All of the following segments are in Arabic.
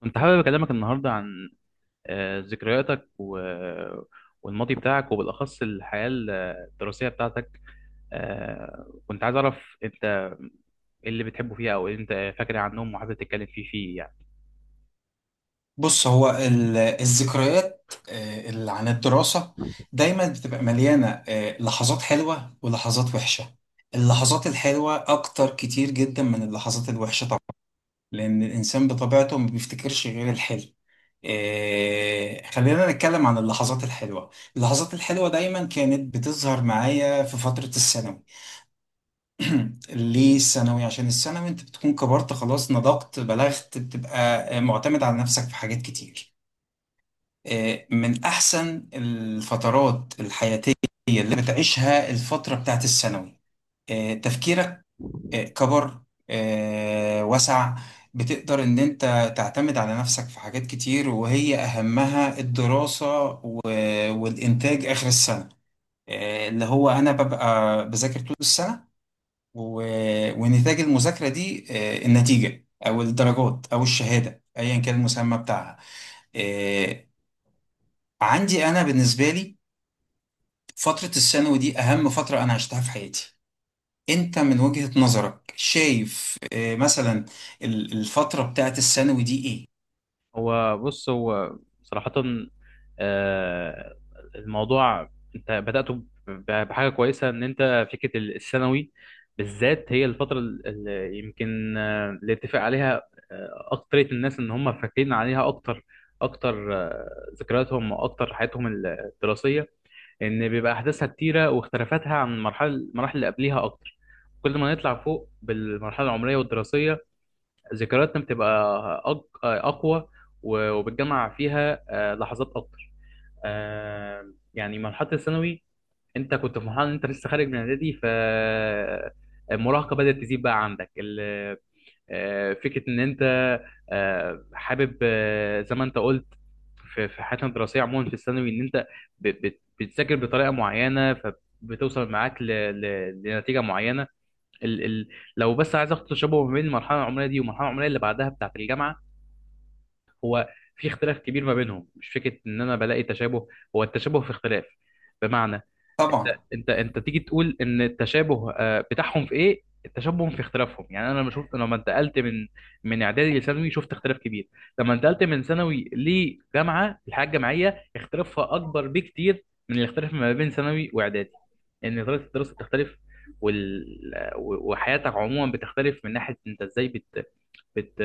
كنت حابب أكلمك النهاردة عن ذكرياتك والماضي بتاعك وبالأخص الحياة الدراسية بتاعتك. كنت عايز أعرف أنت إيه اللي بتحبه فيها أو إيه أنت فاكر عنهم وحابب تتكلم فيه يعني. بص هو الذكريات اللي عن الدراسة دايما بتبقى مليانة لحظات حلوة ولحظات وحشة. اللحظات الحلوة أكتر كتير جدا من اللحظات الوحشة طبعا، لأن الإنسان بطبيعته ما بيفتكرش غير الحلو. خلينا نتكلم عن اللحظات الحلوة. اللحظات الحلوة دايما كانت بتظهر معايا في فترة الثانوي. ليه الثانوي؟ عشان الثانوي انت بتكون كبرت خلاص، نضجت، بلغت، بتبقى معتمد على نفسك في حاجات كتير. من أحسن الفترات الحياتية اللي بتعيشها الفترة بتاعت الثانوي. تفكيرك كبر، وسع. بتقدر إن أنت تعتمد على نفسك في حاجات كتير، وهي أهمها الدراسة والإنتاج آخر السنة. اللي هو أنا ببقى بذاكر طول السنة ونتاج المذاكرة دي النتيجة أو الدرجات أو الشهادة أيا كان المسمى بتاعها. آه، عندي انا بالنسبه لي فتره الثانوي دي اهم فتره انا عشتها في حياتي. انت من وجهه نظرك شايف مثلا الفتره بتاعت الثانوي دي ايه؟ هو بص، هو صراحة، آه، الموضوع انت بدأته بحاجة كويسة، ان انت فكرة الثانوي بالذات هي الفترة اللي يمكن، اللي اتفق عليها أكترية الناس ان هم فاكرين عليها اكتر اكتر. ذكرياتهم واكتر حياتهم الدراسية ان بيبقى احداثها كتيرة، واختلافاتها عن المراحل اللي قبليها اكتر. كل ما نطلع فوق بالمرحلة العمرية والدراسية، ذكرياتنا بتبقى أقوى، وبتجمع فيها لحظات أكتر. يعني مرحلة الثانوي، أنت كنت في مرحلة أنت لسه خارج من إعدادي، ف المراهقة بدأت تزيد. بقى عندك فكرة إن أنت حابب، زي ما أنت قلت، في في حياتنا الدراسية عموما في الثانوي، إن أنت بتذاكر بطريقة معينة، فبتوصل معاك لنتيجة معينة. ال ال لو بس عايز اخد تشابه ما بين المرحله العمريه دي والمرحله العمريه اللي بعدها بتاعه الجامعه، هو في اختلاف كبير ما بينهم. مش فكره ان انا بلاقي تشابه، هو التشابه في اختلاف. بمعنى، انت طبعا. انت تيجي تقول ان التشابه بتاعهم في ايه، التشابه في اختلافهم. يعني انا لما شفت، لما انتقلت من اعدادي لثانوي شفت اختلاف كبير. لما انتقلت من ثانوي لجامعه، الحياه الجامعيه اختلافها اكبر بكتير من الاختلاف ما بين ثانوي واعدادي. ان طريقه الدراسه بتختلف، وال... وحياتك عموما بتختلف، من ناحيه انت ازاي بت... بت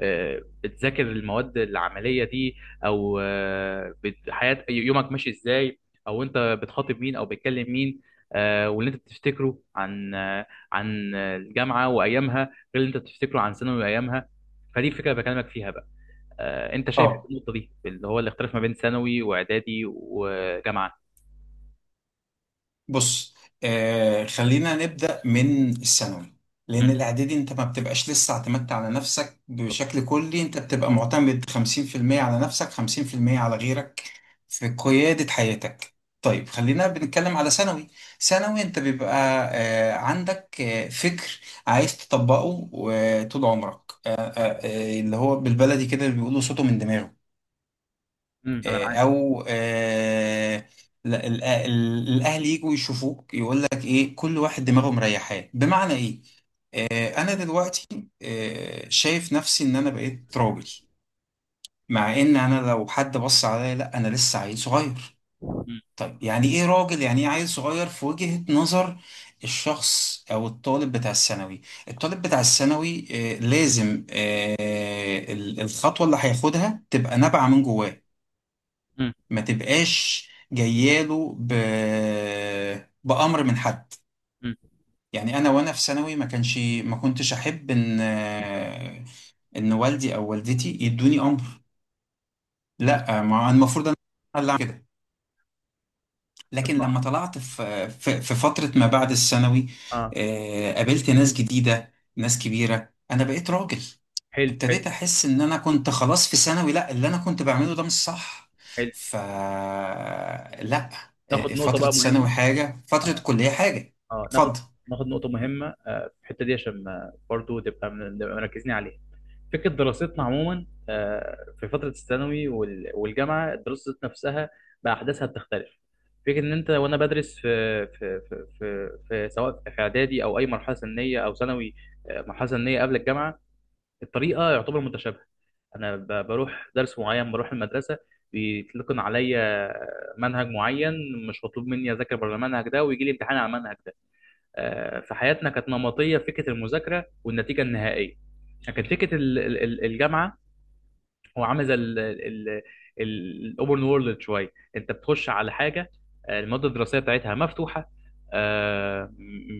بتذاكر المواد العملية دي، أو حياة يومك ماشي إزاي، أو أنت بتخاطب مين أو بتكلم مين. واللي أنت بتفتكره عن عن الجامعة وأيامها غير اللي أنت بتفتكره عن ثانوي وأيامها. فدي الفكرة اللي بكلمك فيها بقى. أنت شايف إيه اه النقطة دي اللي هو الاختلاف ما بين ثانوي وإعدادي وجامعة؟ بص، خلينا نبدأ من الثانوي. لأن مم، الإعدادي أنت ما بتبقاش لسه اعتمدت على نفسك بالظبط. بشكل كلي، أنت بتبقى معتمد 50% على نفسك، 50% على غيرك في قيادة حياتك. طيب، خلينا بنتكلم على ثانوي. ثانوي أنت بيبقى عندك فكر عايز تطبقه طول عمرك. اللي هو بالبلدي كده اللي بيقولوا صوته من دماغه. مم، أنا معاك. او الاهل يجوا يشوفوك يقول لك ايه، كل واحد دماغه مريحاه. بمعنى ايه؟ انا دلوقتي شايف نفسي ان انا بقيت راجل، مع ان انا لو حد بص عليا، لا، انا لسه عيل صغير. مم، طيب، يعني ايه راجل؟ يعني ايه عيل صغير في وجهة نظر الشخص او الطالب بتاع الثانوي؟ الطالب بتاع الثانوي لازم الخطوة اللي هياخدها تبقى نابعة من جواه، مم، ما تبقاش جاياله بأمر من حد. مم، يعني أنا وأنا في ثانوي ما كنتش أحب إن والدي أو والدتي يدوني أمر. مم. لا، ما المفروض أنا اللي أعمل كده. طب لكن ما- لما طلعت في فترة ما بعد الثانوي، آه، قابلت ناس جديدة، ناس كبيرة، أنا بقيت راجل. حلو، حلو، ابتديت أحس إن أنا كنت خلاص في ثانوي، لأ، اللي أنا كنت بعمله ده مش صح. حلو. ف لأ، ناخد نقطة فترة بقى ثانوي مهمة. حاجة، فترة آه. كلية حاجة. اه ناخد، اتفضل. ناخد نقطة مهمة في الحتة دي عشان ما- برضو تبقى من- نبقى مركزين عليها. فكرة دراستنا عموما في فترة الثانوي والجامعة، الدراسة نفسها بأحداثها بتختلف. فكرة إن أنت وأنا بدرس في، سواء في إعدادي أو أي مرحلة سنية أو ثانوي، مرحلة سنية قبل الجامعة، الطريقة يعتبر متشابهة. أنا بروح درس معين، بروح المدرسة، بيتلقن عليا منهج معين، مش مطلوب مني أذاكر بره المنهج ده، ويجي لي امتحان على المنهج ده. في حياتنا كانت نمطيه فكره المذاكره والنتيجه النهائيه. لكن فكره الجامعه، هو عامل زي الاوبن وورلد شويه. انت بتخش على حاجه، الماده الدراسيه بتاعتها مفتوحه. آه،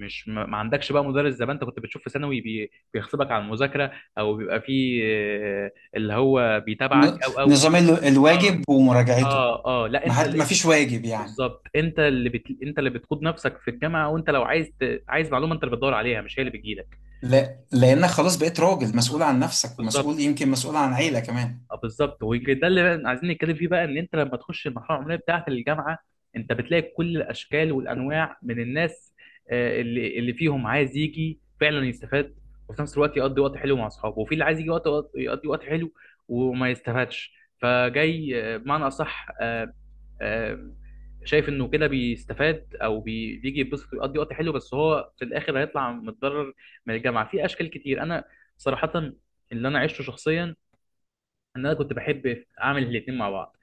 مش ما عندكش بقى مدرس زي ما انت كنت بتشوف في ثانوي، بيغصبك على المذاكره، او بيبقى فيه آه، اللي هو ن- بيتابعك او نظام اه. الواجب ومراجعته. اه، لا، انت ما اللي، فيش واجب يعني. بالظبط. انت اللي انت اللي بتقود نفسك في الجامعه، وانت لو عايز عايز معلومه انت اللي بتدور عليها، مش هي اللي بتجيلك. لا، لأنك خلاص بقيت راجل مسؤول عن نفسك، بالظبط، ومسؤول، يمكن مسؤول عن عيلة كمان. اه بالظبط. وده اللي بقى عايزين نتكلم فيه بقى، ان انت لما تخش المرحله العمريه بتاعه الجامعه، انت بتلاقي كل الاشكال والانواع من الناس. اللي فيهم عايز يجي فعلا يستفاد وفي نفس الوقت يقضي وقت حلو مع اصحابه، وفي اللي عايز يجي يقضي وقت حلو وما يستفادش. فجاي بمعنى اصح، آه، شايف انه كده بيستفاد، او بيجي يتبسط ويقضي وقت حلو، بس هو في الاخر هيطلع متضرر من الجامعه في اشكال كتير. انا صراحه اللي انا عشته شخصيا، ان انا كنت بحب اعمل الاثنين مع بعض.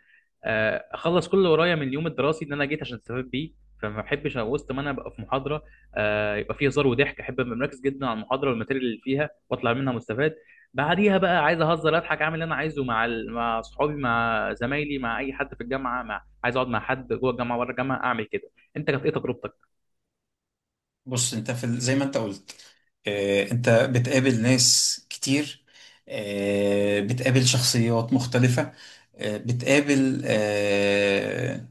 اخلص كل اللي ورايا من اليوم الدراسي اللي انا جيت عشان استفاد بيه، فما بحبش وسط ما انا ابقى في محاضره يبقى فيه هزار وضحك. احب ابقى مركز جدا على المحاضره والماتيريال اللي فيها واطلع منها مستفاد. بعديها بقى عايز اهزر، اضحك، اعمل اللي انا عايزه، مع مع صحابي، مع زمايلي، مع اي حد في الجامعه، مع عايز اقعد مع حد جوه الجامعه بره الجامعه، اعمل كده. انت كانت ايه تجربتك؟ بص، أنت في زي ما أنت قلت، انت بتقابل ناس كتير، بتقابل شخصيات مختلفة، بتقابل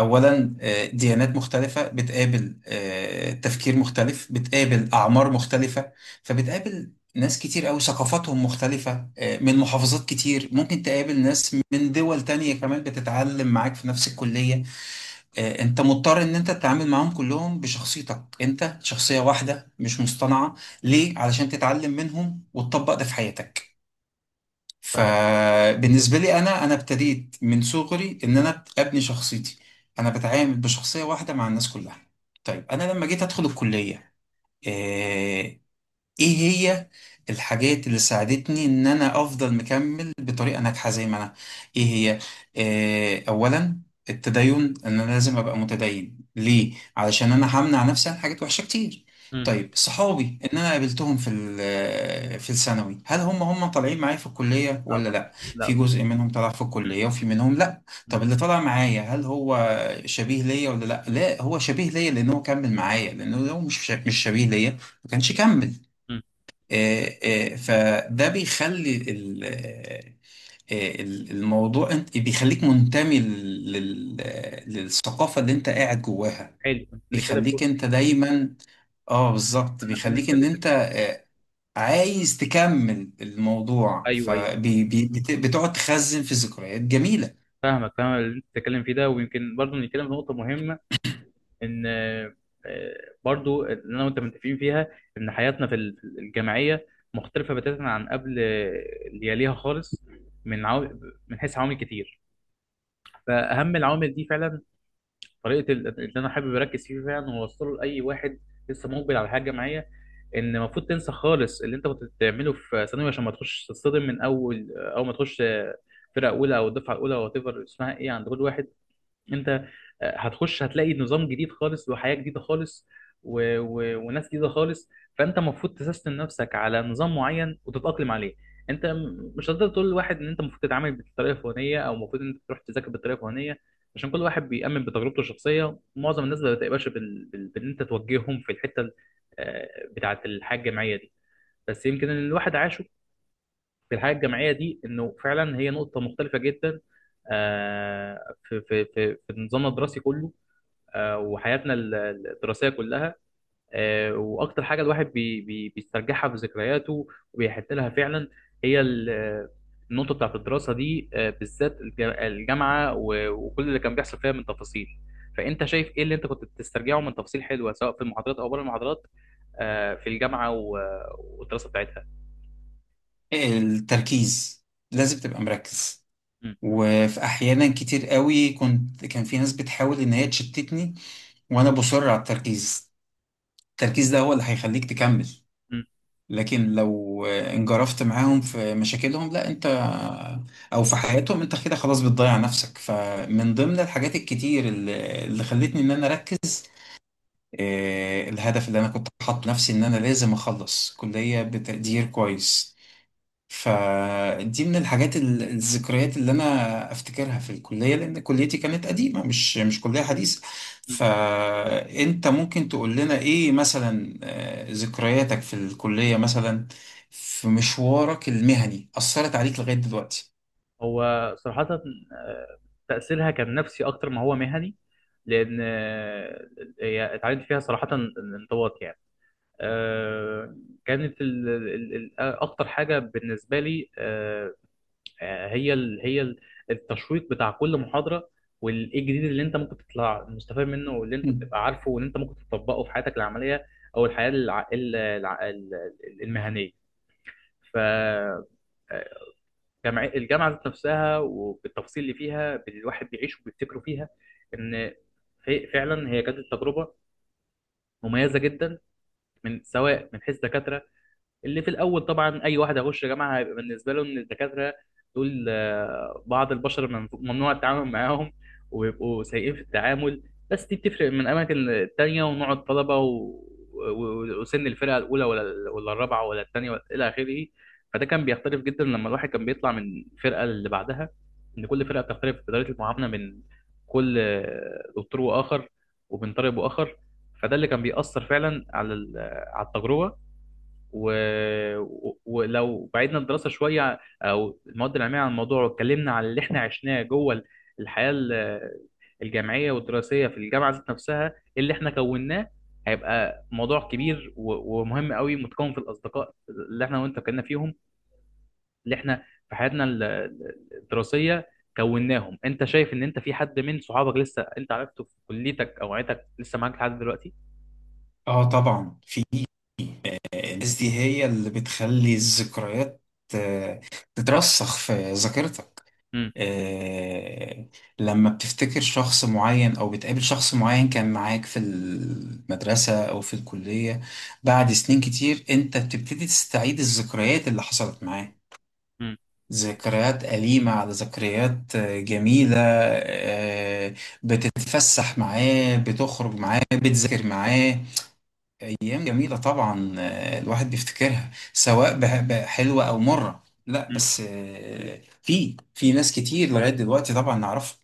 اولا ديانات مختلفة، بتقابل تفكير مختلف، بتقابل اعمار مختلفة. فبتقابل ناس كتير قوي ثقافاتهم مختلفة، من محافظات كتير. ممكن تقابل ناس من دول تانية كمان بتتعلم معاك في نفس الكلية. انت مضطر ان انت تتعامل معاهم كلهم بشخصيتك انت، شخصية واحدة مش مصطنعة. ليه؟ علشان تتعلم منهم وتطبق ده في حياتك. فاهم. فبالنسبة لي انا ابتديت من صغري ان انا ابني شخصيتي. انا بتعامل بشخصية واحدة مع الناس كلها. طيب، انا لما جيت ادخل الكلية، آه، ايه هي الحاجات اللي ساعدتني ان انا افضل مكمل بطريقه ناجحه زي ما انا؟ ايه هي؟ اولا، التدين. ان انا لازم ابقى متدين، ليه؟ علشان انا همنع نفسي عن حاجات وحشه كتير. امم. طيب، صحابي ان انا قابلتهم في في الثانوي، هل هم طالعين معايا في الكليه لا ولا طبعا، لا؟ في لا. جزء منهم طلع في مم. الكليه وفي منهم لا. مم. طب، اللي طلع معايا هل هو شبيه ليا ولا لا؟ لا، هو شبيه ليا لان هو كمل معايا، لانه لو مش شبيه ليا ما كانش كمل. مم. فده بيخلي آه، الموضوع، انت بيخليك منتمي للثقافة اللي انت قاعد جواها. حلو، كنت نتكلم في، بيخليك انت دايما. اه، بالظبط، احنا خلينا بيخليك ان نتكلم في، انت عايز تكمل الموضوع، ايوه ايوه. فبتقعد تخزن في ذكريات جميلة. فاهمك، فاهم اللي انت بتتكلم فيه ده، ويمكن برضه نتكلم في نقطة مهمة، ان برضه اللي انا وانت متفقين فيها، ان حياتنا في الجامعية مختلفة بتاتا عن قبل، اللي يليها خالص، من عو... من حيث عوامل كتير. فأهم العوامل دي فعلا طريقة اللي انا حابب اركز فيه فعلا واوصله لأي واحد لسه مقبل على الحياة الجامعية، ان المفروض تنسى خالص اللي انت كنت بتعمله في ثانوي عشان ما تخش تتصدم من اول ما تخش فرقة أولى أو الدفعة الأولى أو whatever اسمها إيه عند كل واحد. انت هتخش هتلاقي نظام جديد خالص وحياة جديدة خالص وناس جديدة خالص. فانت المفروض تسيستم نفسك على نظام معين وتتأقلم عليه. انت مش هتقدر تقول لواحد ان انت المفروض تتعامل بالطريقة الفلانية او المفروض ان انت تروح تذاكر بالطريقة الفلانية. عشان كل واحد بيأمن بتجربته الشخصية، معظم الناس ما بتقبلش بان انت توجههم في الحتة آه، بتاعة الحياة الجامعية دي. بس يمكن ان الواحد عاشه في الحياه الجامعيه دي، انه فعلا هي نقطه مختلفه جدا في نظامنا الدراسي كله، وحياتنا الدراسيه كلها. واكتر حاجه الواحد بي بي بيسترجعها في ذكرياته وبيحن لها فعلا، هي النقطه بتاعت الدراسه دي بالذات الجامعه، وكل اللي كان بيحصل فيها من تفاصيل. فانت شايف ايه اللي انت كنت بتسترجعه من تفاصيل حلوه سواء في المحاضرات او بره المحاضرات في الجامعه والدراسه بتاعتها؟ التركيز، لازم تبقى مركز. م- وفي احيانا كتير قوي كان في ناس بتحاول ان هي تشتتني، وانا بصر على التركيز. التركيز ده هو اللي هيخليك تكمل. م- لكن لو انجرفت معاهم في مشاكلهم، لا انت، او في حياتهم، انت كده خلاص بتضيع نفسك. فمن ضمن الحاجات الكتير اللي خلتني ان انا اركز، الهدف اللي انا كنت حاطه لنفسي ان انا لازم اخلص كلية بتقدير كويس. فدي من الذكريات اللي انا افتكرها في الكليه، لان كليتي كانت قديمه، مش كليه حديثه. فانت ممكن تقول لنا ايه مثلا، ذكرياتك في الكليه مثلا، في مشوارك المهني، اثرت عليك لغايه دلوقتي؟ هو صراحة آه، تأثيرها كان نفسي أكتر ما هو مهني، لأن هي اتعلمت فيها صراحة الانضباط يعني. آه، كانت أكتر حاجة بالنسبة لي هي هي التشويق بتاع كل محاضرة، والإيه الجديد اللي أنت ممكن تطلع مستفاد منه، واللي أنت مم. بتبقى عارفه، واللي أنت ممكن تطبقه في حياتك العملية أو الحياة المهنية. ف آه، الجامعة ذات نفسها وبالتفاصيل اللي فيها الواحد بيعيش وبيفتكره فيها، إن فعلا هي كانت تجربة مميزة جدا، من سواء من حيث دكاترة. اللي في الاول طبعا اي واحد هيخش جامعه هيبقى بالنسبه له ان الدكاتره دول بعض البشر من- ممنوع التعامل معاهم وبيبقوا سيئين في التعامل. بس دي بتفرق من اماكن تانية، ونوع الطلبه وسن الفرقه الاولى ولا الرابعه ولا الثانيه ولا الى اخره. فده كان بيختلف جدا لما الواحد كان بيطلع من الفرقه اللي بعدها، ان كل فرقه بتختلف في طريقه المعامله من كل دكتور واخر، وبين طالب واخر. فده اللي كان بيأثر فعلا على على التجربه. و... ولو بعدنا الدراسه شويه او المواد العلميه عن الموضوع، واتكلمنا على اللي احنا عشناه جوه الحياه الجامعيه والدراسيه في الجامعه ذات نفسها، اللي احنا كوناه، هيبقى موضوع كبير ومهم قوي متكون في الاصدقاء اللي احنا وانت كنا فيهم، اللي احنا في حياتنا الدراسيه كوناهم. انت شايف ان انت في حد من صحابك لسه انت عرفته في كليتك او عيلتك لسه معاك لحد دلوقتي؟ اه، طبعا. في، الناس دي هي اللي بتخلي الذكريات آه، تترسخ في ذاكرتك. آه، لما بتفتكر شخص معين او بتقابل شخص معين كان معاك في المدرسة او في الكلية، بعد سنين كتير، انت بتبتدي تستعيد الذكريات اللي حصلت معاه، امم. ذكريات أليمة على ذكريات جميلة. بتتفسح معاه، بتخرج معاه، بتذاكر معاه. أيام جميلة طبعا، الواحد بيفتكرها سواء حلوة أو مرة. لا بس في ناس كتير لغاية دلوقتي طبعا نعرفها.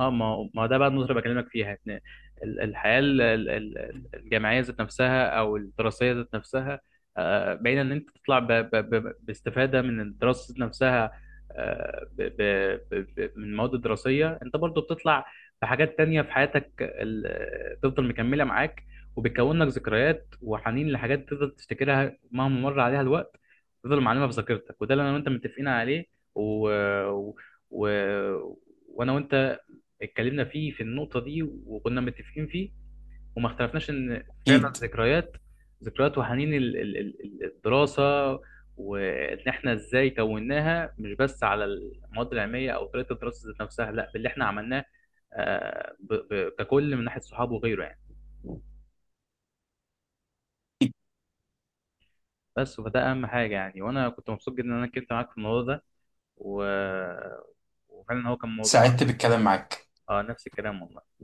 اه، ما هو- ما هو ده بقى النقطة اللي بكلمك فيها، ان الحياة الجامعية ذات نفسها او الدراسية ذات نفسها باينة ان انت تطلع باستفادة من الدراسة ذات نفسها من المواد الدراسية، انت برضو بتطلع بحاجات تانية في حياتك تفضل مكملة معاك، وبتكون لك ذكريات وحنين لحاجات تفضل تفتكرها مهما مر عليها الوقت، تفضل معلمة في ذاكرتك. وده اللي انا وانت متفقين عليه، و... و... وانا وانت اتكلمنا فيه في النقطة دي وكنا متفقين فيه، وما اختلفناش ان فعلا اكيد، ذكريات، وحنين الدراسة، وان احنا ازاي كوناها مش بس على المواد العلمية او طريقة الدراسة ذات نفسها، لا، باللي احنا عملناه ككل من ناحية صحابه وغيره يعني. اكيد، بس فده اهم حاجة يعني، وانا كنت مبسوط جدا ان انا اتكلمت معاك في الموضوع ده، و... وفعلا هو كان موضوع. سعدت بالكلام معاك. اه، نفس الكلام والله.